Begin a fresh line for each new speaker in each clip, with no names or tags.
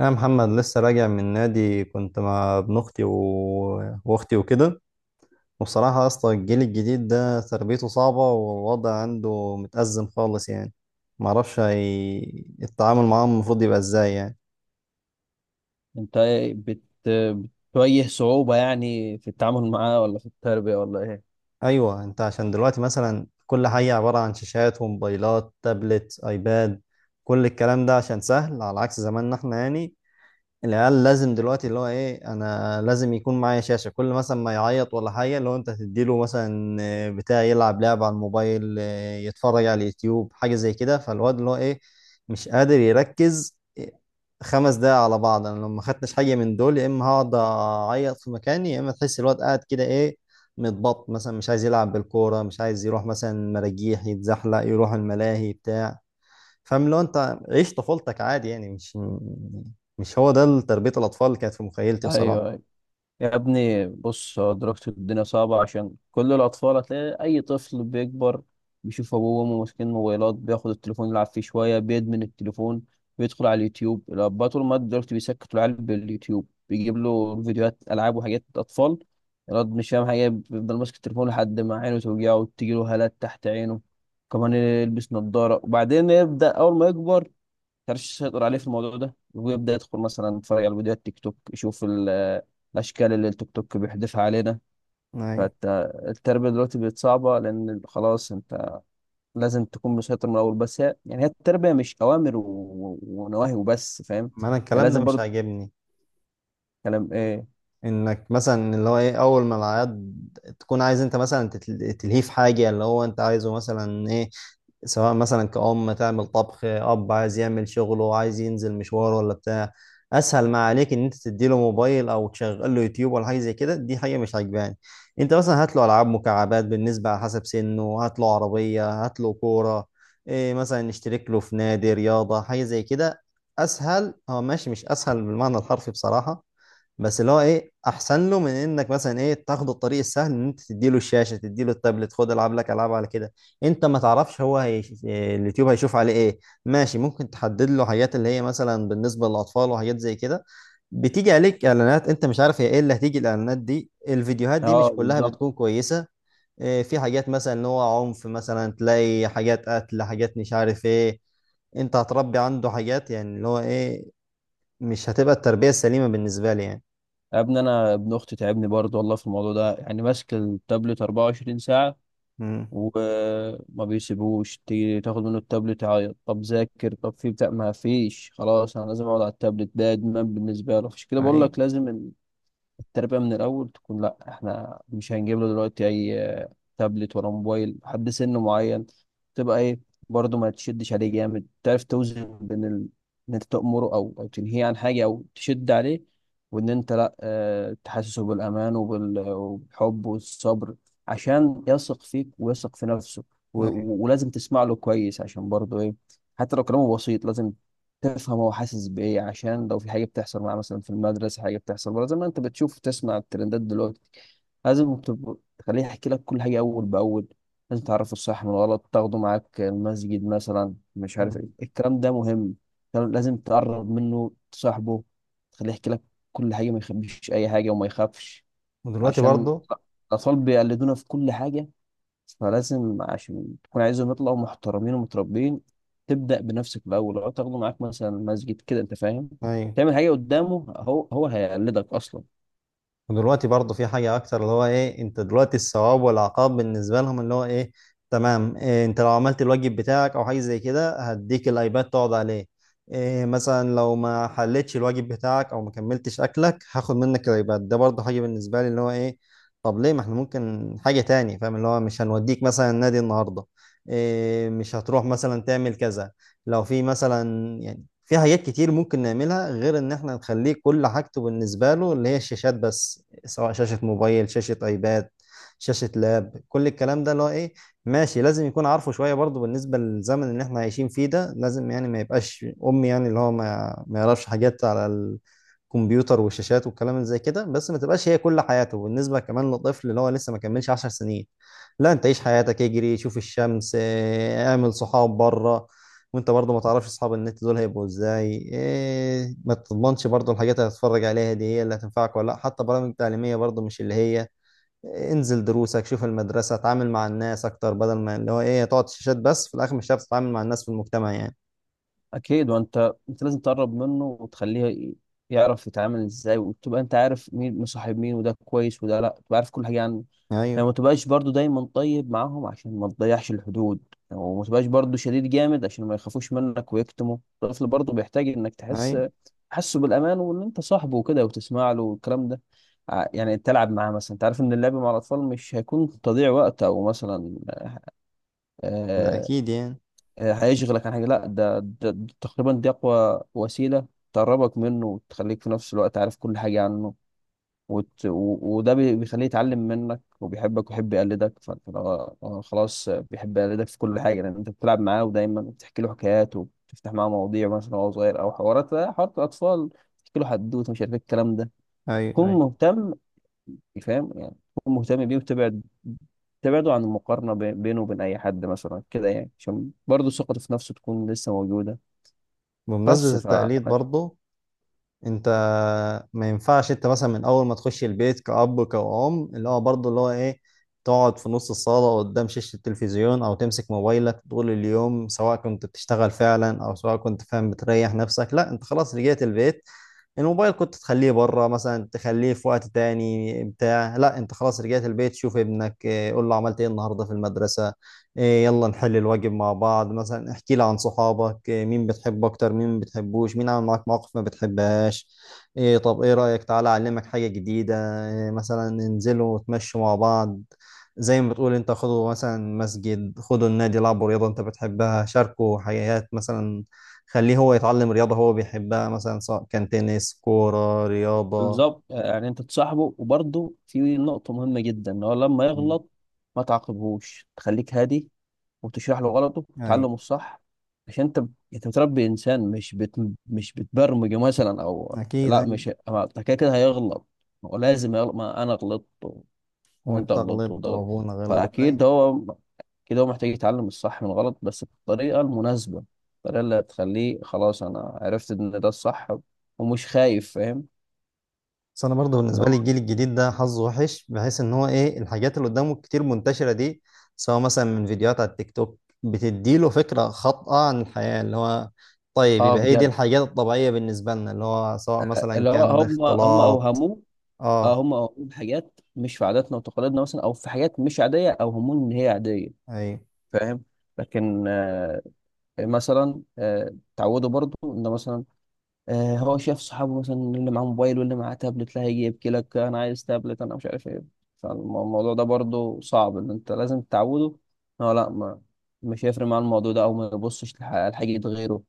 يا محمد، لسه راجع من نادي. كنت مع ابن اختي واختي وكده. وبصراحة اصلا الجيل الجديد ده تربيته صعبة، والوضع عنده متأزم خالص يعني. معرفش التعامل معاهم المفروض يبقى ازاي يعني.
انت بتواجه صعوبة يعني في التعامل معاه، ولا في التربية ولا ايه؟
ايوه، انت عشان دلوقتي مثلا كل حاجة عبارة عن شاشات وموبايلات، تابلت، ايباد، كل الكلام ده عشان سهل، على عكس زماننا احنا يعني. العيال لازم دلوقتي اللي هو ايه، انا لازم يكون معايا شاشة كل مثلا ما يعيط ولا حاجة، اللي هو انت تديله مثلا آه، بتاع يلعب لعبة على الموبايل، آه، يتفرج على اليوتيوب، حاجة زي كده. فالواد اللي هو ايه، مش قادر يركز 5 دقايق على بعض. انا لو ما خدتش حاجة من دول، يا اما هقعد اعيط في مكاني، يا اما تحس الواد قاعد كده ايه، متبط مثلا، مش عايز يلعب بالكورة، مش عايز يروح مثلا مراجيح يتزحلق، يروح الملاهي بتاع. فاهم؟ لو انت عيش طفولتك عادي يعني، مش مش هو ده تربية الأطفال اللي كانت في مخيلتي بصراحة.
ايوه، يا ابني بص، هو دلوقتي الدنيا صعبة عشان كل الأطفال. هتلاقي أي طفل بيكبر بيشوف أبوه وأمه ماسكين موبايلات، بياخد التليفون يلعب فيه شوية، بيدمن التليفون، بيدخل على اليوتيوب. الأباء طول ما دلوقتي بيسكتوا العيال باليوتيوب، بيجيب له فيديوهات ألعاب وحاجات أطفال، الواد مش فاهم حاجة، بيفضل ماسك التليفون لحد ما عينه توجعه وتجيله هالات تحت عينه، كمان يلبس نظارة. وبعدين يبدأ أول ما يكبر، كانش يسيطر عليه في الموضوع ده، ويبدأ يدخل مثلا يتفرج على فيديوهات تيك توك، يشوف الأشكال اللي التيك توك بيحذفها علينا.
أي.
فالتربية دلوقتي بقت صعبة، لأن خلاص أنت لازم تكون مسيطر من الأول. بس هي يعني هي التربية مش أوامر ونواهي وبس، فاهم؟
ما أنا
يعني
الكلام ده
لازم
مش
برضو.
عاجبني.
كلام إيه؟
إنك مثلا اللي هو إيه، أول ما العياد تكون عايز أنت مثلا تلهيه في حاجة اللي هو أنت عايزه، مثلا إيه، سواء مثلا كأم تعمل طبخ، أب عايز يعمل شغله، عايز ينزل مشوار ولا بتاع. أسهل ما عليك إن أنت تديله موبايل أو تشغل له يوتيوب ولا حاجة زي كده. دي حاجة مش عاجباني. أنت مثلا هات له ألعاب مكعبات بالنسبة على حسب سنه، هات له عربية، هات له كورة، إيه مثلا نشترك له في نادي رياضة، حاجة زي كده. أسهل هو ماشي، مش أسهل بالمعنى الحرفي بصراحة، بس اللي هو ايه، احسن له من انك مثلا ايه، تاخد الطريق السهل ان انت تديله الشاشه، تديله التابلت، خد العب لك العاب على كده. انت ما تعرفش هو إيه اليوتيوب هيشوف عليه ايه. ماشي ممكن تحدد له حاجات اللي هي مثلا بالنسبه للاطفال وحاجات زي كده، بتيجي عليك اعلانات، انت مش عارف هي ايه اللي هتيجي، الاعلانات دي الفيديوهات دي
أه،
مش كلها
بالظبط.
بتكون كويسه. إيه، في حاجات مثلا ان هو عنف، مثلا تلاقي حاجات قتل، حاجات مش عارف ايه. انت هتربي عنده حاجات يعني اللي هو ايه، مش هتبقى التربيه السليمه بالنسبه لي يعني.
يا ابني أنا ابن أختي تعبني برضو والله في الموضوع ده، يعني ماسك التابلت 24 ساعة،
مم.
وما بيسيبوش تيجي تاخد منه التابلت، يعيط، طب ذاكر، طب في بتاع، ما فيش، خلاص انا لازم اقعد على التابلت ده، ادمان بالنسبه له. عشان كده بقول
ايوه،
لك لازم التربية من الأول تكون لأ، إحنا مش هنجيب له دلوقتي أي تابلت ولا موبايل لحد سن معين، تبقى إيه، برضه ما تشدش عليه جامد، تعرف توزن بين إن أنت تأمره أو تنهيه عن حاجة أو تشد عليه، وإن أنت لأ، تحسسه بالأمان وبالحب والصبر، عشان يثق فيك ويثق في نفسه،
ايوه.
ولازم تسمع له كويس، عشان برضه إيه، حتى لو كلامه بسيط لازم تفهم هو حاسس بايه، عشان لو في حاجه بتحصل معاه مثلا في المدرسه، حاجه بتحصل بره زي ما انت بتشوف وتسمع الترندات دلوقتي، لازم تخليه يحكي لك كل حاجه اول باول. لازم تعرفه الصح من الغلط، تاخده معاك المسجد مثلا، مش عارف ايه،
مم.
الكلام ده مهم. كان لازم تقرب منه، تصاحبه، تخليه يحكي لك كل حاجه، ما يخبيش اي حاجه وما يخافش،
ودلوقتي
عشان
برضو،
الاطفال بيقلدونا في كل حاجه. فلازم، عشان تكون عايزهم يطلعوا محترمين ومتربين، تبدأ بنفسك الأول. لو تاخده معاك مثلا مسجد كده أنت فاهم،
ايوه،
تعمل حاجة قدامه، هو هيقلدك أصلا.
ودلوقتي برضو في حاجة أكتر اللي هو إيه، أنت دلوقتي الثواب والعقاب بالنسبة لهم اللي هو إيه، تمام، إيه أنت لو عملت الواجب بتاعك أو حاجة زي كده هديك الأيباد تقعد عليه، إيه مثلا لو ما حلتش الواجب بتاعك أو ما كملتش أكلك هاخد منك الأيباد. ده برضو حاجة بالنسبة لي اللي هو إيه، طب ليه؟ ما إحنا ممكن حاجة تاني، فاهم، اللي هو مش هنوديك مثلا النادي النهاردة، إيه مش هتروح مثلا تعمل كذا. لو في مثلا، في حاجات كتير ممكن نعملها غير ان احنا نخليه كل حاجته بالنسبة له اللي هي الشاشات بس، سواء شاشة موبايل، شاشة ايباد، شاشة لاب، كل الكلام ده اللي هو ايه. ماشي لازم يكون عارفه شوية برضه بالنسبة للزمن اللي احنا عايشين فيه ده، لازم يعني ما يبقاش امي يعني اللي هو ما يعرفش حاجات على الكمبيوتر والشاشات والكلام اللي زي كده. بس ما تبقاش هي كل حياته، بالنسبة كمان للطفل اللي هو لسه ما كملش 10 سنين. لا انت عيش حياتك، اجري، شوف الشمس، اه، اعمل صحاب بره. وانت برضه ما تعرفش اصحاب النت دول هيبقوا ازاي، إيه ما تضمنش برضه الحاجات اللي هتتفرج عليها دي هي اللي هتنفعك ولا لا، حتى برامج تعليمية برضه مش اللي هي إيه، انزل دروسك، شوف المدرسة، اتعامل مع الناس اكتر، بدل ما اللي هو ايه تقعد شاشات بس، في الاخر مش هتعرف تتعامل مع الناس في المجتمع يعني.
أكيد، وأنت لازم تقرب منه وتخليه يعرف يتعامل إزاي، وتبقى أنت عارف مين مصاحب مين، وده كويس وده لأ، تبقى عارف كل حاجة عنه،
ايوه،
يعني ما تبقاش برضو دايما طيب معاهم عشان ما تضيعش الحدود، وما تبقاش برضو شديد جامد عشان ما يخافوش منك ويكتموا. الطفل برضو بيحتاج انك تحس،
ايوه.
تحسه بالامان، وان انت صاحبه وكده، وتسمع له والكلام ده. يعني تلعب معاه مثلا، انت عارف ان اللعب مع الاطفال مش هيكون تضييع وقت، او مثلا
ده
آه،
اكيد يعني.
هيشغلك عن حاجه، لا، ده, تقريبا دي اقوى وسيله تقربك منه وتخليك في نفس الوقت عارف كل حاجه عنه. وده بيخليه يتعلم منك وبيحبك ويحب يقلدك. فلو هو خلاص بيحب يقلدك في كل حاجة، لأن أنت بتلعب معاه ودايما بتحكي له حكايات، وبتفتح معاه مواضيع مثلا وهو صغير، أو حوارات، حوارات الأطفال، تحكي له حدوتة، مش عارف إيه الكلام ده.
ايوه،
كن
ايوه.
مهتم، فاهم؟ يعني كن مهتم بيه، وتبعد، تبعده عن المقارنة بينه وبين أي حد مثلا كده، يعني عشان برضه ثقته في نفسه تكون لسه موجودة. بس
بمناسبة
ف
التقليد برضه، انت، ما ينفعش انت مثلا من اول ما تخش البيت كأب، كأم، اللي هو برضه اللي هو ايه، تقعد في نص الصالة قدام شاشة التلفزيون او تمسك موبايلك طول اليوم سواء كنت بتشتغل فعلا او سواء كنت فاهم بتريح نفسك. لا، انت خلاص رجعت البيت، الموبايل كنت تخليه بره مثلا، تخليه في وقت تاني بتاع. لا، انت خلاص رجعت البيت، شوف ابنك، اه، قول له عملت ايه النهارده في المدرسة، اه، يلا نحل الواجب مع بعض مثلا، احكي لي عن صحابك، اه، مين بتحب اكتر، مين ما بتحبوش، مين عمل معاك مواقف ما بتحبهاش، ايه طب ايه رأيك تعالى اعلمك حاجة جديدة، ايه مثلا ننزلوا وتمشوا مع بعض. زي ما بتقول انت، خدوا مثلا مسجد، خدوا النادي، لعبوا رياضة انت بتحبها، شاركوا حاجات مثلا، خليه هو يتعلم رياضة هو بيحبها مثلا، سواء كان تنس، كورة، رياضة.
بالظبط، يعني انت تصاحبه. وبرضه في نقطة مهمة جدا، ان هو لما
مم.
يغلط ما تعاقبهوش، تخليك هادي وتشرح له غلطه
أيوة.
وتعلمه الصح، عشان انت بتربي انسان، مش بتبرمجه مثلا، او
أكيد،
لا،
أيوة.
مش ما انت كده كده هيغلط، هو لازم يغلط، ما انا غلطت وانت
وأنت
غلطت
غلطت،
وده غلط،
وأبونا غلط، أيوة.
فاكيد هو كده هو محتاج يتعلم الصح من الغلط، بس بالطريقة المناسبة، الطريقة اللي هتخليه خلاص انا عرفت ان ده الصح، ومش خايف، فاهم؟
بس أنا برضه
اللي
بالنسبة لي
هو،
الجيل الجديد ده حظه وحش، بحيث إن هو إيه، الحاجات اللي قدامه كتير منتشرة دي، سواء مثلا من فيديوهات على التيك توك بتديله فكرة خاطئة عن الحياة، اللي هو طيب
اه،
يبقى هي دي
بجد.
الحاجات الطبيعية بالنسبة لنا، اللي هو سواء مثلا
اللي هو
كان
هم
اختلاط.
اوهموه، اه،
اه.
هم اوهموه بحاجات مش في عاداتنا وتقاليدنا مثلا، او في حاجات مش عاديه اوهموه ان هي عاديه،
ايوه.
فاهم. لكن آه، مثلا، آه، تعودوا برضو ان مثلا، آه، هو شاف صحابه مثلا اللي معاه موبايل واللي معاه تابلت، لا، هيجي يبكي لك، انا عايز تابلت، انا مش عارف ايه، فالموضوع ده برضو صعب، ان انت لازم تعوده. اه، لا ما مش هيفرق معاه الموضوع ده، او ما يبصش لحاجه غيره،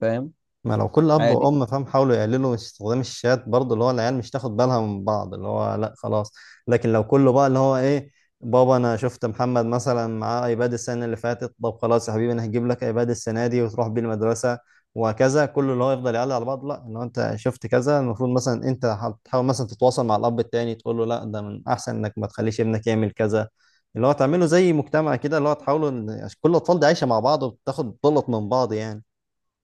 فاهم.
ما لو كل اب
عادي.
وام فاهم، حاولوا يقللوا من استخدام الشات برضه، اللي هو العيال مش تاخد بالها من بعض اللي هو لا خلاص. لكن لو كله بقى اللي هو ايه، بابا انا شفت محمد مثلا معاه ايباد السنه اللي فاتت، طب خلاص يا حبيبي انا هجيب لك ايباد السنه دي وتروح بيه المدرسه، وهكذا، كله اللي هو يفضل يعلق على بعض. لا، ان هو انت شفت كذا، المفروض مثلا انت هتحاول مثلا تتواصل مع الاب التاني تقول له لا، ده من احسن انك ما تخليش ابنك يعمل كذا، اللي هو تعمله زي مجتمع كده اللي هو تحاولوا عشان كل الاطفال دي عايشه مع بعض وبتاخد بلط من بعض يعني.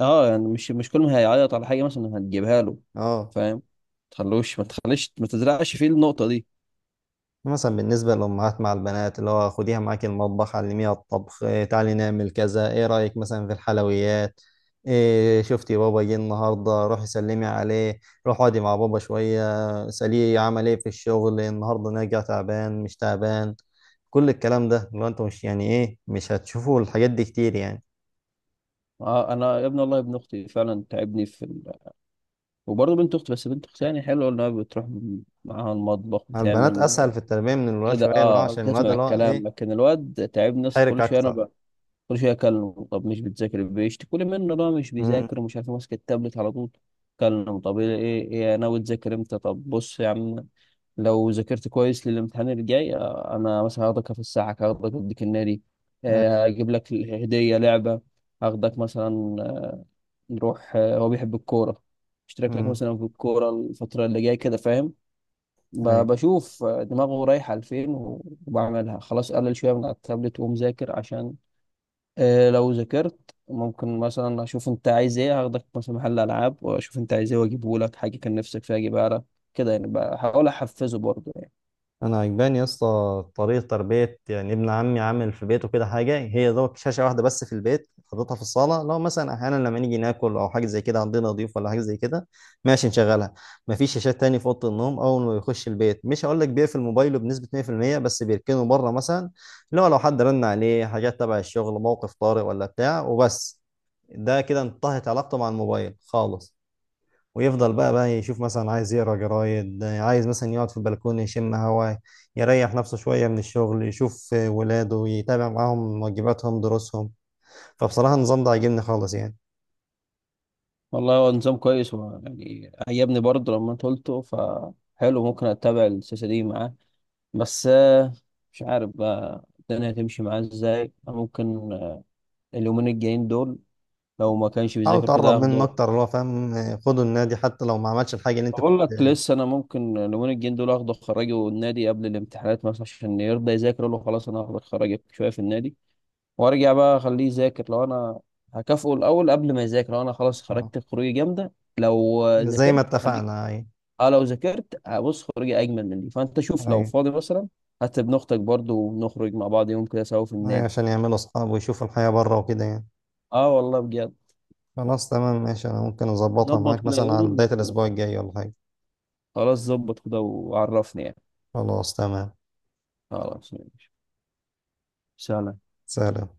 اه يعني، مش كل ما هيعيط على حاجه مثلا هتجيبها له،
اه.
فاهم. ما تخليش، ما تزرعش فيه النقطه دي.
مثلا بالنسبة للأمهات مع البنات اللي هو خديها معاكي المطبخ، علميها الطبخ، إيه تعالي نعمل كذا، إيه رأيك مثلا في الحلويات، إيه شفتي بابا جه النهاردة، روحي سلمي عليه، روحي اقعدي مع بابا شوية، سأليه عمل إيه في الشغل النهاردة، نرجع تعبان مش تعبان، كل الكلام ده اللي هو أنتوا مش يعني إيه، مش هتشوفوا الحاجات دي كتير يعني.
آه، انا يا ابني والله ابن اختي فعلا تعبني في وبرضه بنت اختي، بس بنت اختي يعني حلوه، انها بتروح معاها المطبخ،
مع البنات
بتعمل
أسهل في التربية من الولاد
كده،
شوية، اللي هو
اه،
عشان الولاد
بتسمع
اللي هو
الكلام،
إيه،
لكن الواد تعبني. بس
حرك
كل شويه
أكتر.
انا، كل شويه اكلمه، طب مش بتذاكر، بيشتكوا لي منه بقى مش
امم.
بيذاكر، ومش عارف إيه، ماسك التابلت على طول. كلمه طب ايه ايه إيه ناوي تذاكر امتى، طب بص يا عم، لو ذاكرت كويس للامتحان الجاي، آه، انا مثلا هاخدك في الساعه، هاخدك اوديك النادي، آه،
أيوه.
هجيب لك هديه لعبه، هاخدك مثلا، آه، نروح، آه، هو بيحب الكوره، اشترك لك
أمم.
مثلا في الكوره الفتره اللي جايه كده، فاهم.
أيوه.
بشوف، آه، دماغه رايحه لفين، وبعملها. خلاص قلل شويه من على التابلت، ومذاكر، عشان آه، لو ذاكرت ممكن مثلا اشوف انت عايز ايه، هاخدك مثلا محل العاب، واشوف انت عايز ايه، واجيبه لك، حاجه كان نفسك فيها اجيبها لك كده، يعني بحاول احفزه برضه، يعني.
انا عجباني يا اسطى طريقه تربيه، يعني ابن عمي عامل في بيته كده حاجه، هي دوت شاشه واحده بس في البيت، حاططها في الصاله، لو مثلا احيانا لما نيجي ناكل او حاجه زي كده، عندنا ضيوف ولا حاجه زي كده، ماشي نشغلها. مفيش شاشات تاني في اوضه النوم. اول ما يخش البيت، مش هقول لك بيقفل موبايله بنسبه 100%، بس بيركنه بره مثلا، اللي هو لو حد رن عليه حاجات تبع الشغل، موقف طارئ ولا بتاع، وبس، ده كده انتهت علاقته مع الموبايل خالص. ويفضل بقى يشوف مثلا، عايز يقرا جرايد، عايز مثلا يقعد في البلكونه يشم هوا، يريح نفسه شويه من الشغل، يشوف ولاده، يتابع معاهم واجباتهم دروسهم. فبصراحه النظام ده عاجبني خالص يعني.
والله هو نظام كويس، هو يعني عجبني برضه لما انت قلته، فحلو، ممكن اتبع السياسه دي معاه، بس آه، مش عارف بقى الدنيا هتمشي معاه ازاي، ممكن، آه، اليومين الجايين دول، لو ما كانش
حاول
بيذاكر
تقرب
كده
منه
اخده.
اكتر اللي هو فاهم، خده النادي حتى لو ما عملش الحاجه اللي انت
بقول
كنت.
لك لسه انا ممكن اليومين الجايين دول اخده خراجي والنادي قبل الامتحانات مثلا، عشان يرضى يذاكر، أقول له خلاص انا هاخد خراجي شويه في النادي، وارجع بقى اخليه يذاكر، لو انا هكافئه الاول قبل ما يذاكر، لو انا خلاص
آه.
خرجت خروجي جامده، لو
زي ما
ذاكرت خليك،
اتفقنا. اي.
اه، لو ذاكرت هبص خروجي اجمل من دي، فانت شوف لو
اي.
فاضي مثلا، حتى ابن اختك برضه، ونخرج مع بعض يوم كده سوا في
اي،
النادي.
عشان يعملوا اصحاب ويشوفوا الحياه بره وكده يعني.
اه والله بجد.
خلاص تمام، ماشي، انا ممكن اظبطها
ظبط
معاك
كده
مثلا على
يوم
بدايه
و-
الاسبوع الجاي ولا حاجه.
خلاص، ظبط كده وعرفني يعني.
خلاص تمام.
خلاص ماشي، سلام.
سلام.